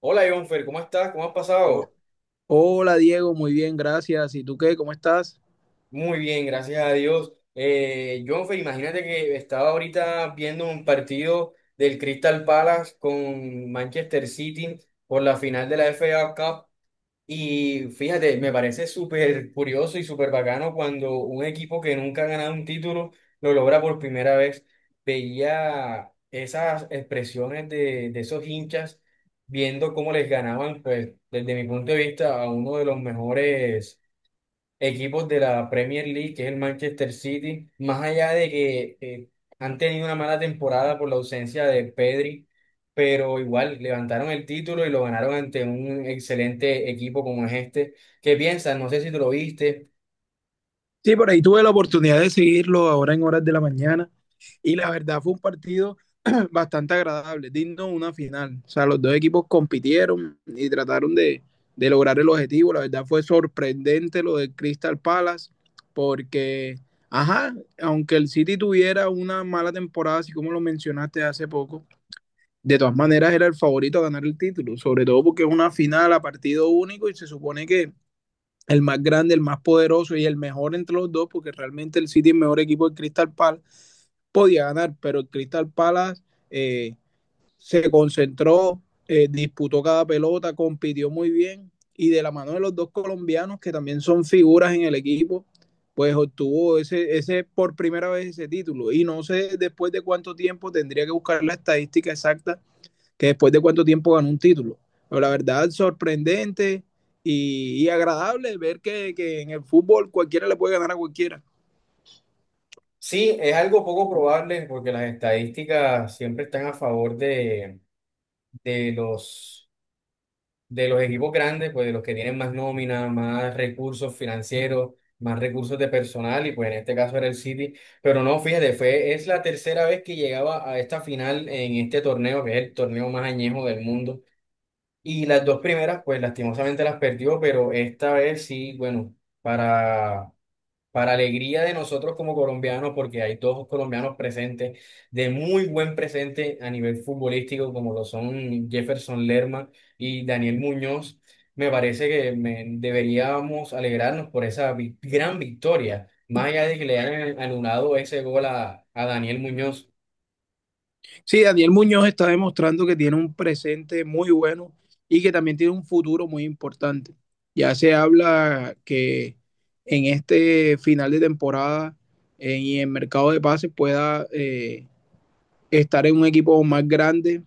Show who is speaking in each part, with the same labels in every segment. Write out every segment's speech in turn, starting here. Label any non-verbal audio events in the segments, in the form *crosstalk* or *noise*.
Speaker 1: Hola, Jonfer, ¿cómo estás? ¿Cómo has
Speaker 2: Ho-
Speaker 1: pasado?
Speaker 2: Hola Diego, muy bien, gracias. ¿Y tú qué? ¿Cómo estás?
Speaker 1: Muy bien, gracias a Dios. Jonfer, imagínate que estaba ahorita viendo un partido del Crystal Palace con Manchester City por la final de la FA Cup y fíjate, me parece súper curioso y súper bacano cuando un equipo que nunca ha ganado un título lo logra por primera vez. Veía esas expresiones de esos hinchas viendo cómo les ganaban, pues desde mi punto de vista, a uno de los mejores equipos de la Premier League, que es el Manchester City, más allá de que han tenido una mala temporada por la ausencia de Pedri, pero igual levantaron el título y lo ganaron ante un excelente equipo como es este. ¿Qué piensas? No sé si tú lo viste.
Speaker 2: Sí, por ahí tuve la oportunidad de seguirlo ahora en horas de la mañana y la verdad fue un partido *clears throat* bastante agradable, digno de una final. O sea, los dos equipos compitieron y trataron de lograr el objetivo. La verdad fue sorprendente lo de Crystal Palace porque, ajá, aunque el City tuviera una mala temporada, así como lo mencionaste hace poco, de todas maneras era el favorito a ganar el título, sobre todo porque es una final a partido único y se supone que el más grande, el más poderoso y el mejor entre los dos, porque realmente el City es el mejor equipo del Crystal Palace, podía ganar, pero el Crystal Palace eh, se concentró, disputó cada pelota, compitió muy bien y de la mano de los dos colombianos, que también son figuras en el equipo, pues obtuvo ese por primera vez ese título. Y no sé después de cuánto tiempo, tendría que buscar la estadística exacta, que después de cuánto tiempo ganó un título. Pero la verdad, sorprendente y agradable ver en el fútbol cualquiera le puede ganar a cualquiera.
Speaker 1: Sí, es algo poco probable porque las estadísticas siempre están a favor de los de los equipos grandes, pues de los que tienen más nómina, más recursos financieros, más recursos de personal, y pues en este caso era el City. Pero no, fíjate, fue, es la tercera vez que llegaba a esta final en este torneo, que es el torneo más añejo del mundo. Y las dos primeras, pues lastimosamente las perdió, pero esta vez sí, bueno, para para alegría de nosotros como colombianos, porque hay dos colombianos presentes, de muy buen presente a nivel futbolístico, como lo son Jefferson Lerma y Daniel Muñoz, me parece que deberíamos alegrarnos por esa gran victoria, más allá de que le hayan anulado ese gol a Daniel Muñoz.
Speaker 2: Sí, Daniel Muñoz está demostrando que tiene un presente muy bueno y que también tiene un futuro muy importante. Ya se habla que en este final de temporada y en mercado de pases pueda estar en un equipo más grande,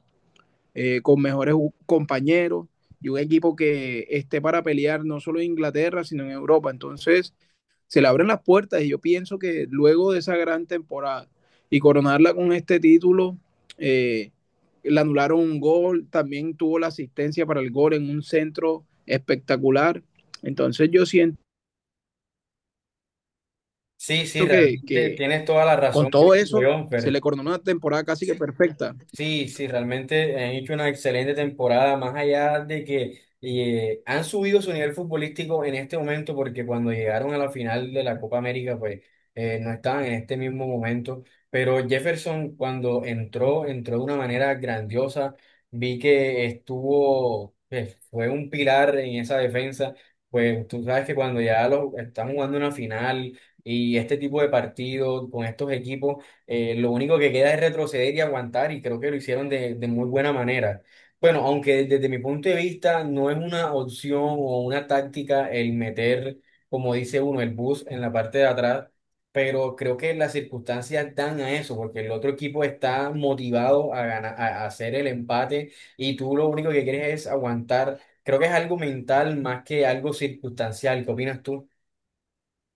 Speaker 2: con mejores compañeros y un equipo que esté para pelear no solo en Inglaterra, sino en Europa. Entonces, se le abren las puertas y yo pienso que luego de esa gran temporada y coronarla con este título, eh, le anularon un gol, también tuvo la asistencia para el gol en un centro espectacular. Entonces, yo siento
Speaker 1: Sí, sí, realmente
Speaker 2: que
Speaker 1: tienes toda la
Speaker 2: con
Speaker 1: razón
Speaker 2: todo
Speaker 1: que dijo
Speaker 2: eso se
Speaker 1: Jonfer.
Speaker 2: le coronó una temporada casi que perfecta.
Speaker 1: Sí, sí, realmente han hecho una excelente temporada, más allá de que han subido su nivel futbolístico en este momento, porque cuando llegaron a la final de la Copa América, pues no estaban en este mismo momento, pero Jefferson cuando entró, entró de una manera grandiosa, vi que estuvo, que fue un pilar en esa defensa, pues tú sabes que cuando ya los, están jugando una final y este tipo de partidos con estos equipos, lo único que queda es retroceder y aguantar, y creo que lo hicieron de muy buena manera. Bueno, aunque desde mi punto de vista no es una opción o una táctica el meter, como dice uno, el bus en la parte de atrás, pero creo que las circunstancias dan a eso, porque el otro equipo está motivado a ganar, a hacer el empate y tú lo único que quieres es aguantar. Creo que es algo mental más que algo circunstancial. ¿Qué opinas tú?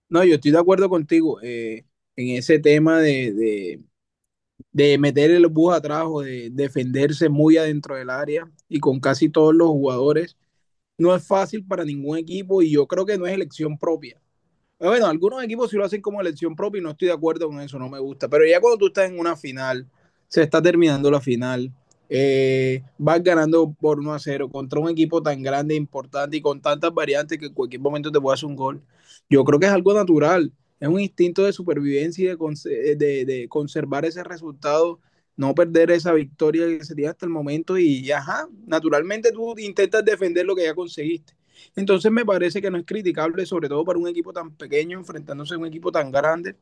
Speaker 2: No, yo estoy de acuerdo contigo, en ese tema de meter el bus atrás o de defenderse muy adentro del área y con casi todos los jugadores. No es fácil para ningún equipo y yo creo que no es elección propia. Bueno, algunos equipos sí lo hacen como elección propia y no estoy de acuerdo con eso, no me gusta. Pero ya cuando tú estás en una final, se está terminando la final, vas ganando por 1-0 contra un equipo tan grande, importante y con tantas variantes que en cualquier momento te puede hacer un gol. Yo creo que es algo natural, es un instinto de supervivencia y de conservar ese resultado, no perder esa victoria que se tiene hasta el momento y, ajá, naturalmente tú intentas defender lo que ya conseguiste. Entonces me parece que no es criticable, sobre todo para un equipo tan pequeño enfrentándose a un equipo tan grande.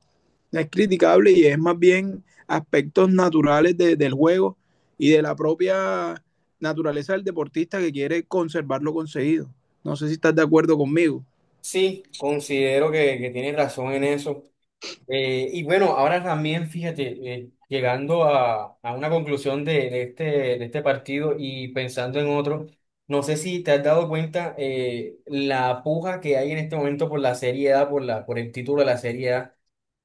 Speaker 2: No es criticable y es más bien aspectos naturales del juego y de la propia naturaleza del deportista que quiere conservar lo conseguido. No sé si estás de acuerdo conmigo.
Speaker 1: Sí, considero que tienes razón en eso. Y bueno, ahora también, fíjate, llegando a una conclusión de este partido y pensando en otro, no sé si te has dado cuenta la puja que hay en este momento por la Serie A, por el título de la Serie A,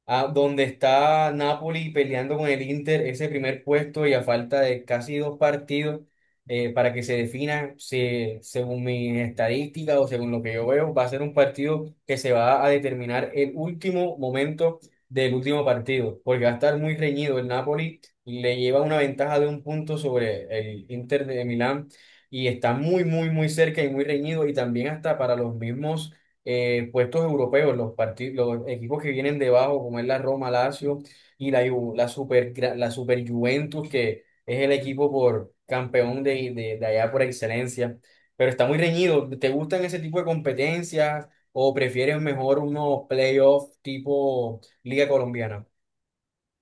Speaker 1: a donde está Napoli peleando con el Inter ese primer puesto y a falta de casi dos partidos, para que se defina, según mis estadísticas o según lo que yo veo, va a ser un partido que se va a determinar el último momento del último partido, porque va a estar muy reñido el Napoli, le lleva una ventaja de un punto sobre el Inter de Milán, y está muy, muy, muy cerca y muy reñido, y también hasta para los mismos puestos europeos, los partidos, los equipos que vienen debajo, como es la Roma, Lazio y la, Ju- la super, gra- la super Juventus, que es el equipo por campeón de allá por excelencia. Pero está muy reñido. ¿Te gustan ese tipo de competencias o prefieres mejor unos playoffs tipo Liga Colombiana?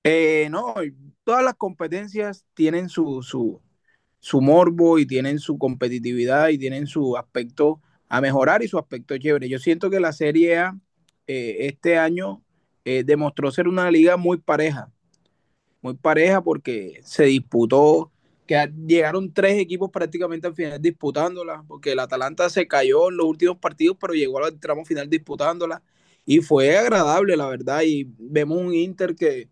Speaker 2: No, todas las competencias tienen su morbo y tienen su competitividad y tienen su aspecto a mejorar y su aspecto chévere. Yo siento que la Serie A este año demostró ser una liga muy pareja, muy pareja, porque se disputó, que llegaron tres equipos prácticamente al final disputándola, porque el Atalanta se cayó en los últimos partidos, pero llegó al tramo final disputándola y fue agradable, la verdad, y vemos un Inter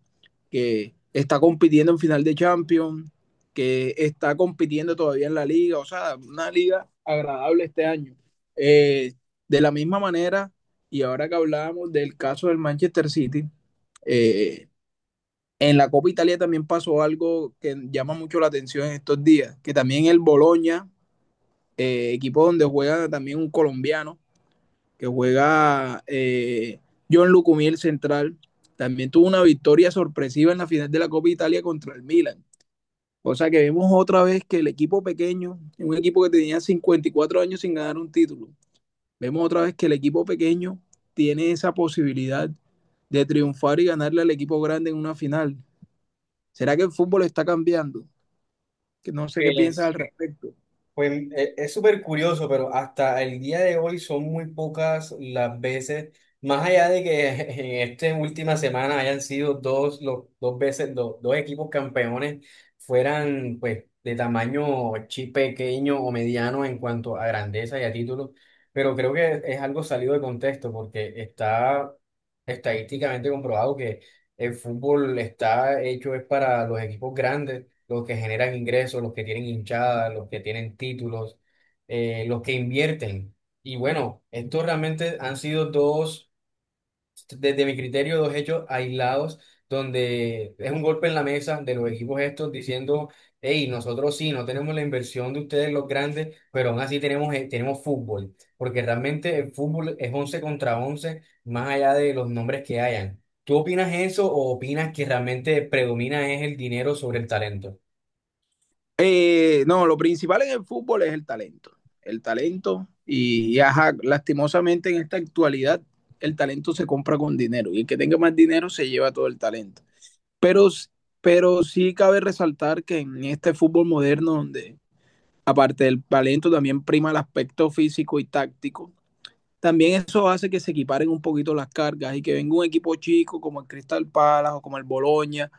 Speaker 2: que está compitiendo en final de Champions, que está compitiendo todavía en la liga, o sea, una liga agradable este año. Eh, de la misma manera, y ahora que hablábamos del caso del Manchester City, eh, en la Copa Italia también pasó algo que llama mucho la atención en estos días, que también el Boloña, equipo donde juega también un colombiano, que juega John Lucumí, el central, también tuvo una victoria sorpresiva en la final de la Copa Italia contra el Milan. O sea que vemos otra vez que el equipo pequeño, un equipo que tenía 54 años sin ganar un título, vemos otra vez que el equipo pequeño tiene esa posibilidad de triunfar y ganarle al equipo grande en una final. ¿Será que el fútbol está cambiando? Que no sé qué piensas al
Speaker 1: Pues,
Speaker 2: respecto.
Speaker 1: Pues es súper curioso, pero hasta el día de hoy son muy pocas las veces, más allá de que *laughs* en esta última semana hayan sido dos, dos veces, dos equipos campeones fueran pues de tamaño pequeño o mediano en cuanto a grandeza y a títulos, pero creo que es algo salido de contexto porque está estadísticamente comprobado que el fútbol está hecho es para los equipos grandes, los que generan ingresos, los que tienen hinchadas, los que tienen títulos, los que invierten. Y bueno, estos realmente han sido dos, desde mi criterio, dos hechos aislados, donde es un golpe en la mesa de los equipos estos diciendo, hey, nosotros sí, no tenemos la inversión de ustedes los grandes, pero aún así tenemos fútbol, porque realmente el fútbol es 11 contra 11 más allá de los nombres que hayan. ¿Tú opinas eso o opinas que realmente predomina es el dinero sobre el talento?
Speaker 2: No, lo principal en el fútbol es el talento. El talento y ajá, lastimosamente en esta actualidad el talento se compra con dinero y el que tenga más dinero se lleva todo el talento. Pero, pero sí cabe resaltar que en este fútbol moderno donde aparte del talento también prima el aspecto físico y táctico, también eso hace que se equiparen un poquito las cargas y que venga un equipo chico como el Crystal Palace o como el Boloña,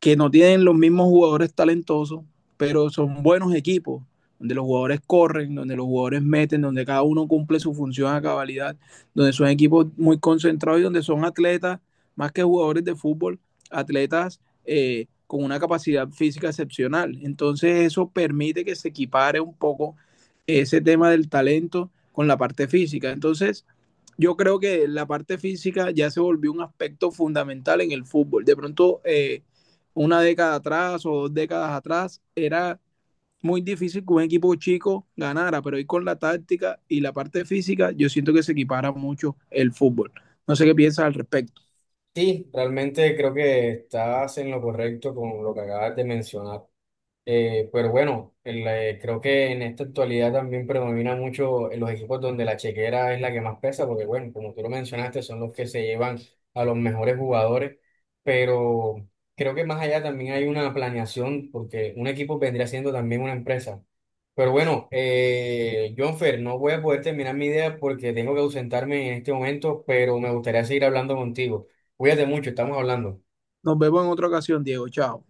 Speaker 2: que no tienen los mismos jugadores talentosos, pero son buenos equipos, donde los jugadores corren, donde los jugadores meten, donde cada uno cumple su función a cabalidad, donde son equipos muy concentrados y donde son atletas, más que jugadores de fútbol, atletas con una capacidad física excepcional. Entonces eso permite que se equipare un poco ese tema del talento con la parte física. Entonces, yo creo que la parte física ya se volvió un aspecto fundamental en el fútbol. De pronto, una década atrás o dos décadas atrás, era muy difícil que un equipo chico ganara, pero hoy con la táctica y la parte física, yo siento que se equipara mucho el fútbol. No sé qué piensas al respecto.
Speaker 1: Sí, realmente creo que estás en lo correcto con lo que acabas de mencionar. Pero bueno, creo que en esta actualidad también predomina mucho en los equipos donde la chequera es la que más pesa, porque bueno, como tú lo mencionaste, son los que se llevan a los mejores jugadores, pero creo que más allá también hay una planeación, porque un equipo vendría siendo también una empresa. Pero bueno, Jonfer, no voy a poder terminar mi idea porque tengo que ausentarme en este momento, pero me gustaría seguir hablando contigo. Cuídate mucho, estamos hablando.
Speaker 2: Nos vemos en otra ocasión, Diego. Chao.